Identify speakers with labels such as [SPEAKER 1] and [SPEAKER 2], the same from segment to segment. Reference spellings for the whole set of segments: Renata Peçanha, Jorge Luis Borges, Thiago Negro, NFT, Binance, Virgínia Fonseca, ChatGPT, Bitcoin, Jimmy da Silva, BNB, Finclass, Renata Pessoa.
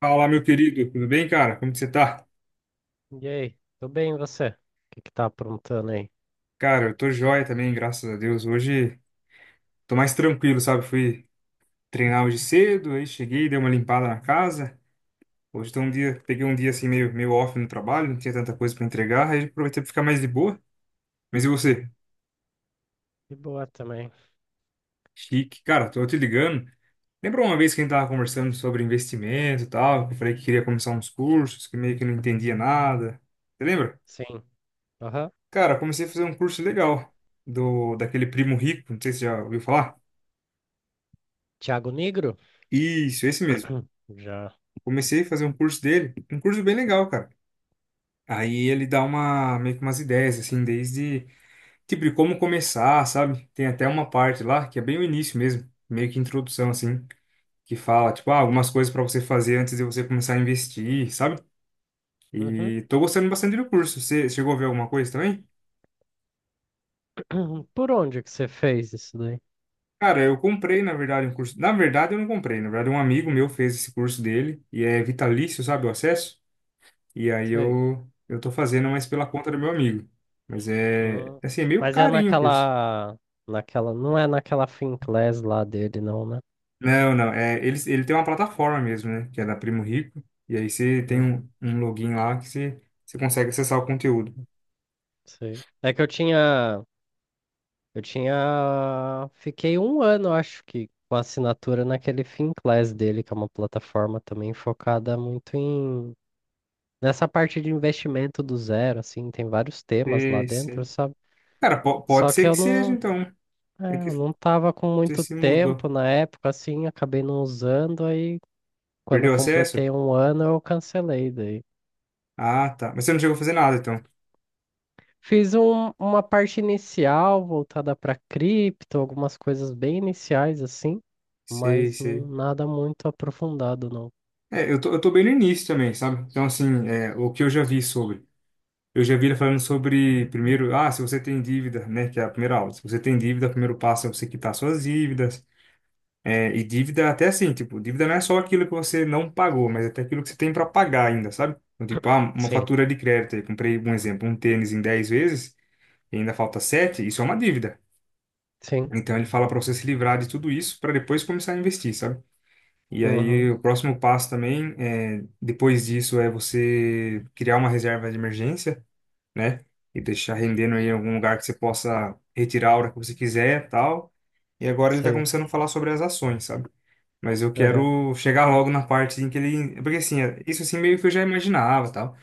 [SPEAKER 1] Fala, meu querido, tudo bem, cara? Como que você tá?
[SPEAKER 2] E aí, tudo bem, e você? O que que tá aprontando aí?
[SPEAKER 1] Cara, eu tô joia também, graças a Deus. Hoje tô mais tranquilo, sabe? Fui treinar hoje cedo, aí cheguei, dei uma limpada na casa. Hoje tô um dia, peguei um dia assim meio off no trabalho, não tinha tanta coisa pra entregar, aí aproveitei pra ficar mais de boa. Mas e você?
[SPEAKER 2] De boa também.
[SPEAKER 1] Chique. Cara, tô te ligando. Lembra uma vez que a gente tava conversando sobre investimento e tal, que eu falei que queria começar uns cursos, que meio que não entendia nada. Você lembra?
[SPEAKER 2] Sim. Aham.
[SPEAKER 1] Cara, comecei a fazer um curso legal do daquele primo rico, não sei se você já ouviu falar.
[SPEAKER 2] Thiago Negro?
[SPEAKER 1] Isso, esse mesmo.
[SPEAKER 2] Já.
[SPEAKER 1] Comecei a fazer um curso dele, um curso bem legal, cara. Aí ele dá uma, meio que umas ideias, assim, desde, tipo, de como começar, sabe? Tem até uma parte lá, que é bem o início mesmo, meio que introdução, assim, que fala, tipo, ah, algumas coisas para você fazer antes de você começar a investir, sabe?
[SPEAKER 2] Uhum.
[SPEAKER 1] E tô gostando bastante do curso. Você chegou a ver alguma coisa também?
[SPEAKER 2] Por onde que você fez isso daí?
[SPEAKER 1] Cara, eu comprei, na verdade, um curso. Na verdade, eu não comprei. Na verdade, um amigo meu fez esse curso dele e é vitalício, sabe, o acesso. E aí
[SPEAKER 2] Sei.
[SPEAKER 1] eu tô fazendo mais pela conta do meu amigo. Mas é,
[SPEAKER 2] Hum.
[SPEAKER 1] é assim, é meio
[SPEAKER 2] Mas é
[SPEAKER 1] carinho o curso.
[SPEAKER 2] naquela, não é naquela Finclass lá dele, não, né?
[SPEAKER 1] Não, não, é, ele tem uma plataforma mesmo, né? Que é da Primo Rico. E aí você tem
[SPEAKER 2] Uhum.
[SPEAKER 1] um login lá que você consegue acessar o conteúdo.
[SPEAKER 2] Sei. É que eu tinha, fiquei um ano, acho que, com a assinatura naquele Finclass dele, que é uma plataforma também focada muito em nessa parte de investimento do zero, assim, tem vários temas lá
[SPEAKER 1] Sei,
[SPEAKER 2] dentro,
[SPEAKER 1] sei.
[SPEAKER 2] sabe?
[SPEAKER 1] Cara, pode
[SPEAKER 2] Só
[SPEAKER 1] ser
[SPEAKER 2] que
[SPEAKER 1] que
[SPEAKER 2] eu
[SPEAKER 1] seja,
[SPEAKER 2] não,
[SPEAKER 1] então. É
[SPEAKER 2] é,
[SPEAKER 1] que
[SPEAKER 2] eu não tava com
[SPEAKER 1] você
[SPEAKER 2] muito
[SPEAKER 1] se mudou.
[SPEAKER 2] tempo na época, assim, acabei não usando, aí quando eu
[SPEAKER 1] Perdeu o acesso?
[SPEAKER 2] completei um ano eu cancelei daí.
[SPEAKER 1] Ah, tá. Mas você não chegou a fazer nada, então.
[SPEAKER 2] Fiz uma parte inicial voltada para cripto, algumas coisas bem iniciais, assim,
[SPEAKER 1] Sei,
[SPEAKER 2] mas não,
[SPEAKER 1] sei.
[SPEAKER 2] nada muito aprofundado, não.
[SPEAKER 1] É, eu tô bem no início também, sabe? Então, assim, é, o que eu já vi sobre. Eu já vi ele falando sobre, primeiro, ah, se você tem dívida, né, que é a primeira aula. Se você tem dívida, o primeiro passo é você quitar suas dívidas. É, e dívida até assim, tipo, dívida não é só aquilo que você não pagou, mas até aquilo que você tem para pagar ainda, sabe? Então, tipo, ah, uma
[SPEAKER 2] Sim,
[SPEAKER 1] fatura de crédito, aí, comprei, um exemplo, um tênis em 10 vezes e ainda falta 7, isso é uma dívida.
[SPEAKER 2] sim,
[SPEAKER 1] Então, ele fala para você se livrar de tudo isso para depois começar a investir, sabe? E
[SPEAKER 2] uhum,
[SPEAKER 1] aí, o próximo passo também, é, depois disso, é você criar uma reserva de emergência, né? E deixar rendendo aí em algum lugar que você possa retirar a hora que você quiser, tal. E agora ele tá
[SPEAKER 2] sim,
[SPEAKER 1] começando a falar sobre as ações, sabe? Mas eu
[SPEAKER 2] uhum,
[SPEAKER 1] quero chegar logo na parte em que ele, porque assim, isso assim meio que eu já imaginava, tal,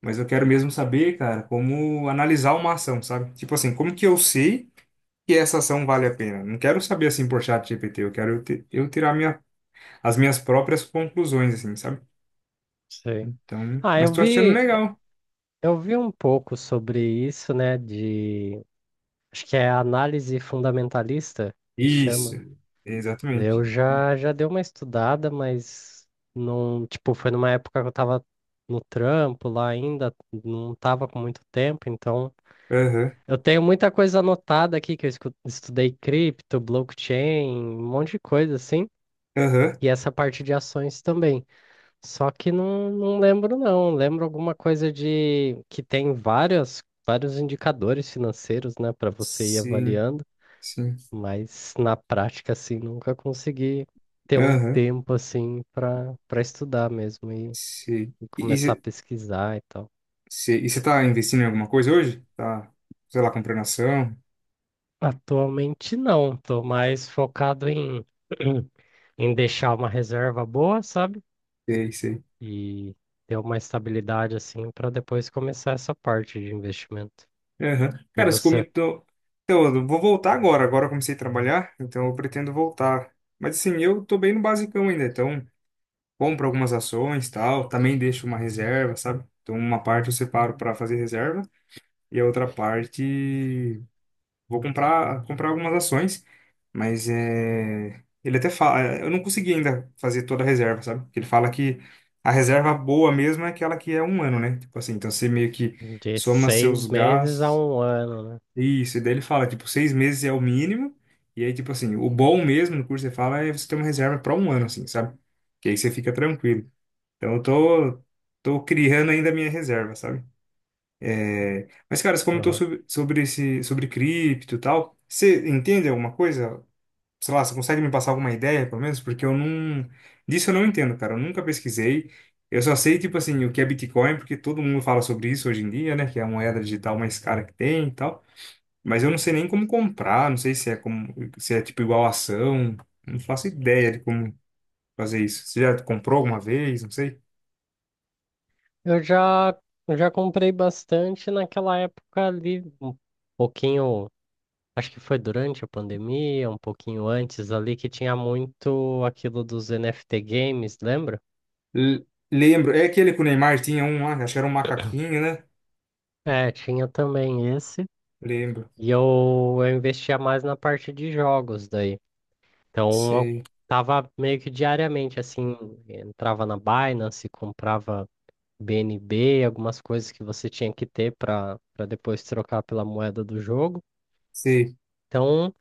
[SPEAKER 1] mas eu quero mesmo saber, cara, como analisar uma ação, sabe? Tipo assim, como que eu sei que essa ação vale a pena? Não quero saber assim por chat GPT, eu quero eu tirar as minhas próprias conclusões assim, sabe?
[SPEAKER 2] sim.
[SPEAKER 1] Então,
[SPEAKER 2] Ah,
[SPEAKER 1] mas
[SPEAKER 2] eu
[SPEAKER 1] tô achando
[SPEAKER 2] vi,
[SPEAKER 1] legal.
[SPEAKER 2] Eu vi um pouco sobre isso, né? De acho que é análise fundamentalista que chama.
[SPEAKER 1] Isso. Exatamente.
[SPEAKER 2] Eu já já dei uma estudada, mas não, tipo, foi numa época que eu tava no trampo lá ainda, não tava com muito tempo, então
[SPEAKER 1] Aham.
[SPEAKER 2] eu tenho muita coisa anotada aqui que eu estudei cripto, blockchain, um monte de coisa assim,
[SPEAKER 1] Aham.
[SPEAKER 2] e essa parte de ações também. Só que não lembro, não. Lembro alguma coisa de que tem várias, vários indicadores financeiros, né, para você ir
[SPEAKER 1] Sim,
[SPEAKER 2] avaliando,
[SPEAKER 1] sim.
[SPEAKER 2] mas na prática, assim, nunca consegui ter um
[SPEAKER 1] Aham,
[SPEAKER 2] tempo, assim, para estudar mesmo e,
[SPEAKER 1] sim.
[SPEAKER 2] e
[SPEAKER 1] E
[SPEAKER 2] começar a
[SPEAKER 1] você
[SPEAKER 2] pesquisar e tal.
[SPEAKER 1] está investindo em alguma coisa hoje? Tá, sei lá, comprando ação?
[SPEAKER 2] Atualmente, não. Estou mais focado em, em deixar uma reserva boa, sabe?
[SPEAKER 1] Sei, sei.
[SPEAKER 2] E ter uma estabilidade, assim, para depois começar essa parte de investimento.
[SPEAKER 1] Aham.
[SPEAKER 2] E
[SPEAKER 1] Cara, você
[SPEAKER 2] você?
[SPEAKER 1] comentou. Então, eu vou voltar agora. Agora eu comecei a trabalhar, então eu pretendo voltar. Mas assim, eu tô bem no basicão ainda, então compro algumas ações, tal, também deixo uma reserva, sabe? Então, uma parte eu separo para fazer reserva e a outra parte vou comprar algumas ações, mas é, ele até fala, eu não consegui ainda fazer toda a reserva, sabe? Porque ele fala que a reserva boa mesmo é aquela que é um ano, né? Tipo assim, então você meio que
[SPEAKER 2] De
[SPEAKER 1] soma
[SPEAKER 2] seis
[SPEAKER 1] seus
[SPEAKER 2] meses a
[SPEAKER 1] gastos,
[SPEAKER 2] um ano, né?
[SPEAKER 1] isso, e daí ele fala, tipo, 6 meses é o mínimo, e aí, tipo assim, o bom mesmo no curso, ele fala, é você ter uma reserva para um ano, assim, sabe? Que aí você fica tranquilo. Então eu tô criando ainda a minha reserva, sabe? Mas, cara, você comentou
[SPEAKER 2] Aham.
[SPEAKER 1] sobre esse, sobre cripto e tal. Você entende alguma coisa? Sei lá, você consegue me passar alguma ideia, pelo menos? Porque eu não. Disso eu não entendo, cara. Eu nunca pesquisei. Eu só sei, tipo assim, o que é Bitcoin, porque todo mundo fala sobre isso hoje em dia, né? Que é a moeda digital mais cara que tem e tal. Mas eu não sei nem como comprar, não sei se é como, se é tipo igual ação. Não faço ideia de como fazer isso. Você já comprou alguma vez? Não sei.
[SPEAKER 2] Eu já, eu já comprei bastante naquela época ali, um pouquinho, acho que foi durante a pandemia, um pouquinho antes ali, que tinha muito aquilo dos NFT games, lembra?
[SPEAKER 1] L- lembro. É aquele que o Neymar tinha um lá, acho que era um macaquinho, né?
[SPEAKER 2] É, tinha também esse.
[SPEAKER 1] Lembro.
[SPEAKER 2] E eu investia mais na parte de jogos daí. Então eu
[SPEAKER 1] Sei,
[SPEAKER 2] tava meio que diariamente, assim, entrava na Binance, comprava BNB, algumas coisas que você tinha que ter para depois trocar pela moeda do jogo.
[SPEAKER 1] sei.
[SPEAKER 2] Então,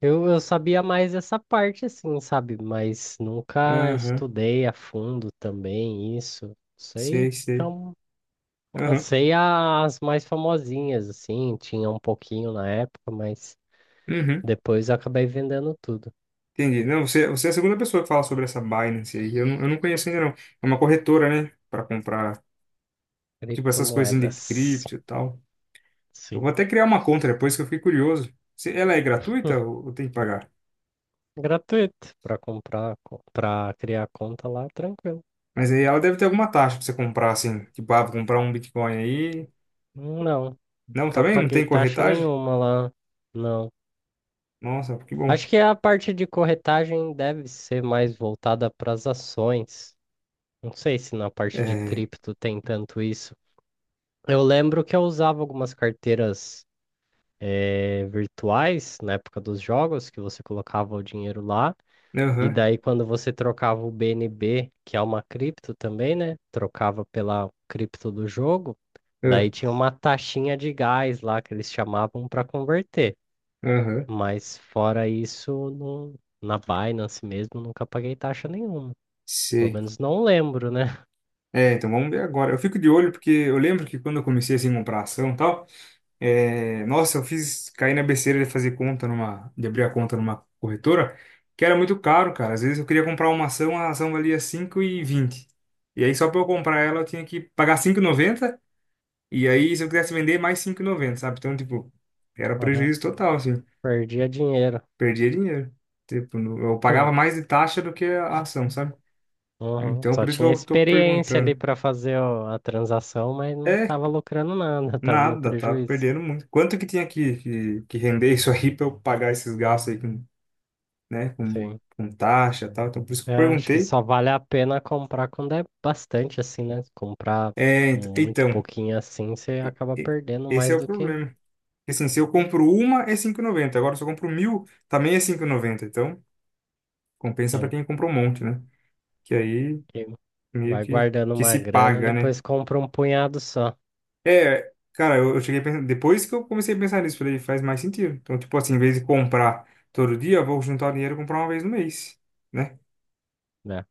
[SPEAKER 2] eu sabia mais essa parte, assim, sabe? Mas nunca
[SPEAKER 1] Aham,
[SPEAKER 2] estudei a fundo também isso. Sei,
[SPEAKER 1] sei,
[SPEAKER 2] que é
[SPEAKER 1] sei.
[SPEAKER 2] eu
[SPEAKER 1] Aham,
[SPEAKER 2] sei as mais famosinhas, assim, tinha um pouquinho na época, mas
[SPEAKER 1] uhum.
[SPEAKER 2] depois eu acabei vendendo tudo.
[SPEAKER 1] Entendi. Não, você é a segunda pessoa que fala sobre essa Binance aí. Eu não conheço ainda, não. É uma corretora, né? Pra comprar, tipo, essas coisas de
[SPEAKER 2] Criptomoedas.
[SPEAKER 1] cripto e tal. Eu
[SPEAKER 2] Sim.
[SPEAKER 1] vou até criar uma conta depois que eu fiquei curioso. Se ela é gratuita ou tem que pagar?
[SPEAKER 2] Gratuito, para comprar, para criar conta lá, tranquilo.
[SPEAKER 1] Mas aí ela deve ter alguma taxa pra você comprar, assim. Tipo, ah, vou comprar um Bitcoin aí.
[SPEAKER 2] Não,
[SPEAKER 1] Não,
[SPEAKER 2] nunca
[SPEAKER 1] também? Não
[SPEAKER 2] paguei
[SPEAKER 1] tem
[SPEAKER 2] taxa
[SPEAKER 1] corretagem?
[SPEAKER 2] nenhuma lá, não.
[SPEAKER 1] Nossa, que
[SPEAKER 2] Acho
[SPEAKER 1] bom.
[SPEAKER 2] que a parte de corretagem deve ser mais voltada para as ações. Não sei se na parte de
[SPEAKER 1] É.
[SPEAKER 2] cripto tem tanto isso. Eu lembro que eu usava algumas carteiras virtuais na época dos jogos, que você colocava o dinheiro lá. E
[SPEAKER 1] Aham,
[SPEAKER 2] daí, quando você trocava o BNB, que é uma cripto também, né? Trocava pela cripto do jogo,
[SPEAKER 1] ah,
[SPEAKER 2] daí tinha uma taxinha de gás lá que eles chamavam para converter.
[SPEAKER 1] aham.
[SPEAKER 2] Mas fora isso, na Binance mesmo, nunca paguei taxa nenhuma. Pelo
[SPEAKER 1] Sei.
[SPEAKER 2] menos não lembro, né?
[SPEAKER 1] É, então vamos ver agora. Eu fico de olho porque eu lembro que quando eu comecei assim a comprar ação e tal, é, nossa, eu fiz cair na besteira de fazer conta de abrir a conta numa corretora, que era muito caro, cara. Às vezes eu queria comprar uma ação, a ação valia 5,20 e aí, só para eu comprar ela, eu tinha que pagar 5,90, e aí, se eu quisesse vender, mais 5,90, sabe? Então, tipo, era
[SPEAKER 2] Aham.
[SPEAKER 1] prejuízo total, assim.
[SPEAKER 2] Perdia dinheiro.
[SPEAKER 1] Perdia dinheiro. Tipo, eu pagava mais de taxa do que a ação, sabe?
[SPEAKER 2] Uhum.
[SPEAKER 1] Então,
[SPEAKER 2] Só
[SPEAKER 1] por isso que
[SPEAKER 2] tinha
[SPEAKER 1] eu tô
[SPEAKER 2] experiência ali
[SPEAKER 1] perguntando.
[SPEAKER 2] para fazer a transação, mas não
[SPEAKER 1] É,
[SPEAKER 2] estava lucrando nada, estava no
[SPEAKER 1] nada, tá
[SPEAKER 2] prejuízo.
[SPEAKER 1] perdendo muito. Quanto que tinha que render isso aí para eu pagar esses gastos aí com, né, com,
[SPEAKER 2] Sim.
[SPEAKER 1] com taxa e tal? Então, por isso que eu
[SPEAKER 2] É, acho que
[SPEAKER 1] perguntei.
[SPEAKER 2] só vale a pena comprar quando é bastante assim, né? Se comprar
[SPEAKER 1] É, ent-
[SPEAKER 2] muito
[SPEAKER 1] então,
[SPEAKER 2] pouquinho assim, você acaba
[SPEAKER 1] e-
[SPEAKER 2] perdendo
[SPEAKER 1] esse
[SPEAKER 2] mais
[SPEAKER 1] é o
[SPEAKER 2] do que
[SPEAKER 1] problema. Assim, se eu compro uma, é 5,90. Agora, se eu compro mil, também é 5,90. Então, compensa para
[SPEAKER 2] tem.
[SPEAKER 1] quem comprou um monte, né? Que aí
[SPEAKER 2] E
[SPEAKER 1] meio
[SPEAKER 2] vai
[SPEAKER 1] que,
[SPEAKER 2] guardando
[SPEAKER 1] que
[SPEAKER 2] uma
[SPEAKER 1] se
[SPEAKER 2] grana,
[SPEAKER 1] paga, né?
[SPEAKER 2] depois compra um punhado só,
[SPEAKER 1] É, cara, eu cheguei a pensar, depois que eu comecei a pensar nisso, falei, faz mais sentido. Então, tipo assim, em vez de comprar todo dia, eu vou juntar o dinheiro e comprar uma vez no mês, né?
[SPEAKER 2] né?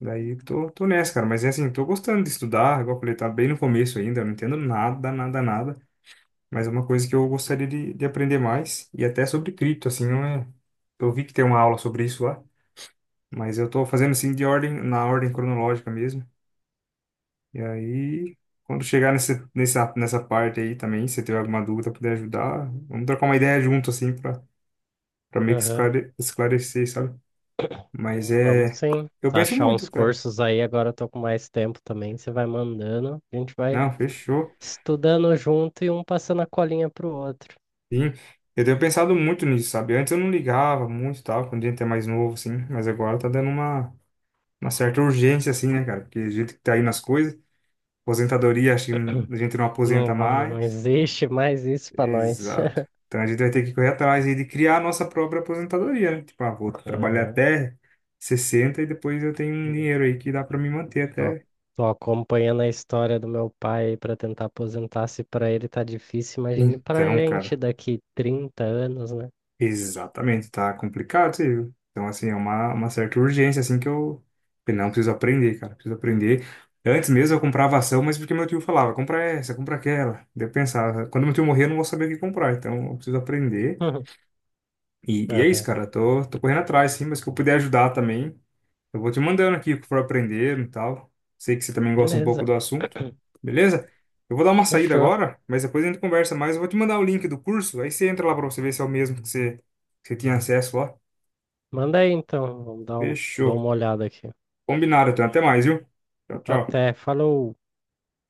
[SPEAKER 1] Daí tô nessa, cara. Mas é assim, tô gostando de estudar. Igual eu falei, tá bem no começo ainda. Eu não entendo nada, nada, nada. Mas é uma coisa que eu gostaria de aprender mais. E até sobre cripto, assim, não é. Eu vi que tem uma aula sobre isso lá. Mas eu tô fazendo assim de ordem, na ordem cronológica mesmo. E aí, quando chegar nessa parte aí também, se tiver alguma dúvida, puder ajudar, vamos trocar uma ideia junto, assim, pra meio que
[SPEAKER 2] Aham.
[SPEAKER 1] esclarecer, sabe? Mas
[SPEAKER 2] Então, vamos
[SPEAKER 1] é.
[SPEAKER 2] sim.
[SPEAKER 1] Eu
[SPEAKER 2] Se
[SPEAKER 1] penso
[SPEAKER 2] achar
[SPEAKER 1] muito,
[SPEAKER 2] uns
[SPEAKER 1] cara.
[SPEAKER 2] cursos aí, agora eu tô com mais tempo também, você vai mandando, a gente vai
[SPEAKER 1] Não, fechou.
[SPEAKER 2] estudando junto e um passando a colinha pro outro.
[SPEAKER 1] Sim, eu tenho pensado muito nisso, sabe? Antes eu não ligava muito e tal, quando a gente é mais novo, assim, mas agora tá dando uma certa urgência, assim, né, cara? Porque a gente que tá aí nas coisas, aposentadoria, acho que a gente não
[SPEAKER 2] Não,
[SPEAKER 1] aposenta
[SPEAKER 2] não
[SPEAKER 1] mais.
[SPEAKER 2] existe mais isso pra nós.
[SPEAKER 1] Exato. Então a gente vai ter que correr atrás aí de criar a nossa própria aposentadoria, né? Tipo, ah, vou trabalhar até 60 e depois eu tenho um
[SPEAKER 2] Aham.
[SPEAKER 1] dinheiro aí que dá pra me manter
[SPEAKER 2] Tô,
[SPEAKER 1] até.
[SPEAKER 2] tô acompanhando a história do meu pai para tentar aposentar. Se para ele tá difícil, imagine pra
[SPEAKER 1] Então,
[SPEAKER 2] gente
[SPEAKER 1] cara.
[SPEAKER 2] daqui 30 anos, né?
[SPEAKER 1] Exatamente, tá complicado, você viu? Então, assim, é uma certa urgência, assim, que eu falei, não preciso aprender, cara, preciso aprender. Antes mesmo eu comprava ação, mas porque meu tio falava, compra essa, compra aquela. Daí eu pensava, quando meu tio morrer, eu não vou saber o que comprar, então eu preciso aprender. E é isso,
[SPEAKER 2] Aham.
[SPEAKER 1] cara. Tô correndo atrás, sim, mas que eu puder ajudar também. Eu vou te mandando aqui o que for aprender e tal. Sei que você também gosta um pouco
[SPEAKER 2] Beleza,
[SPEAKER 1] do assunto, beleza? Eu vou dar uma saída
[SPEAKER 2] fechou.
[SPEAKER 1] agora, mas depois a gente conversa mais. Eu vou te mandar o link do curso, aí você entra lá pra você ver se é o mesmo que você tinha acesso lá.
[SPEAKER 2] Manda aí então, vamos dar um, dou
[SPEAKER 1] Fechou.
[SPEAKER 2] uma olhada aqui.
[SPEAKER 1] Combinado, então. Até mais, viu? Tchau, tchau.
[SPEAKER 2] Até, falou!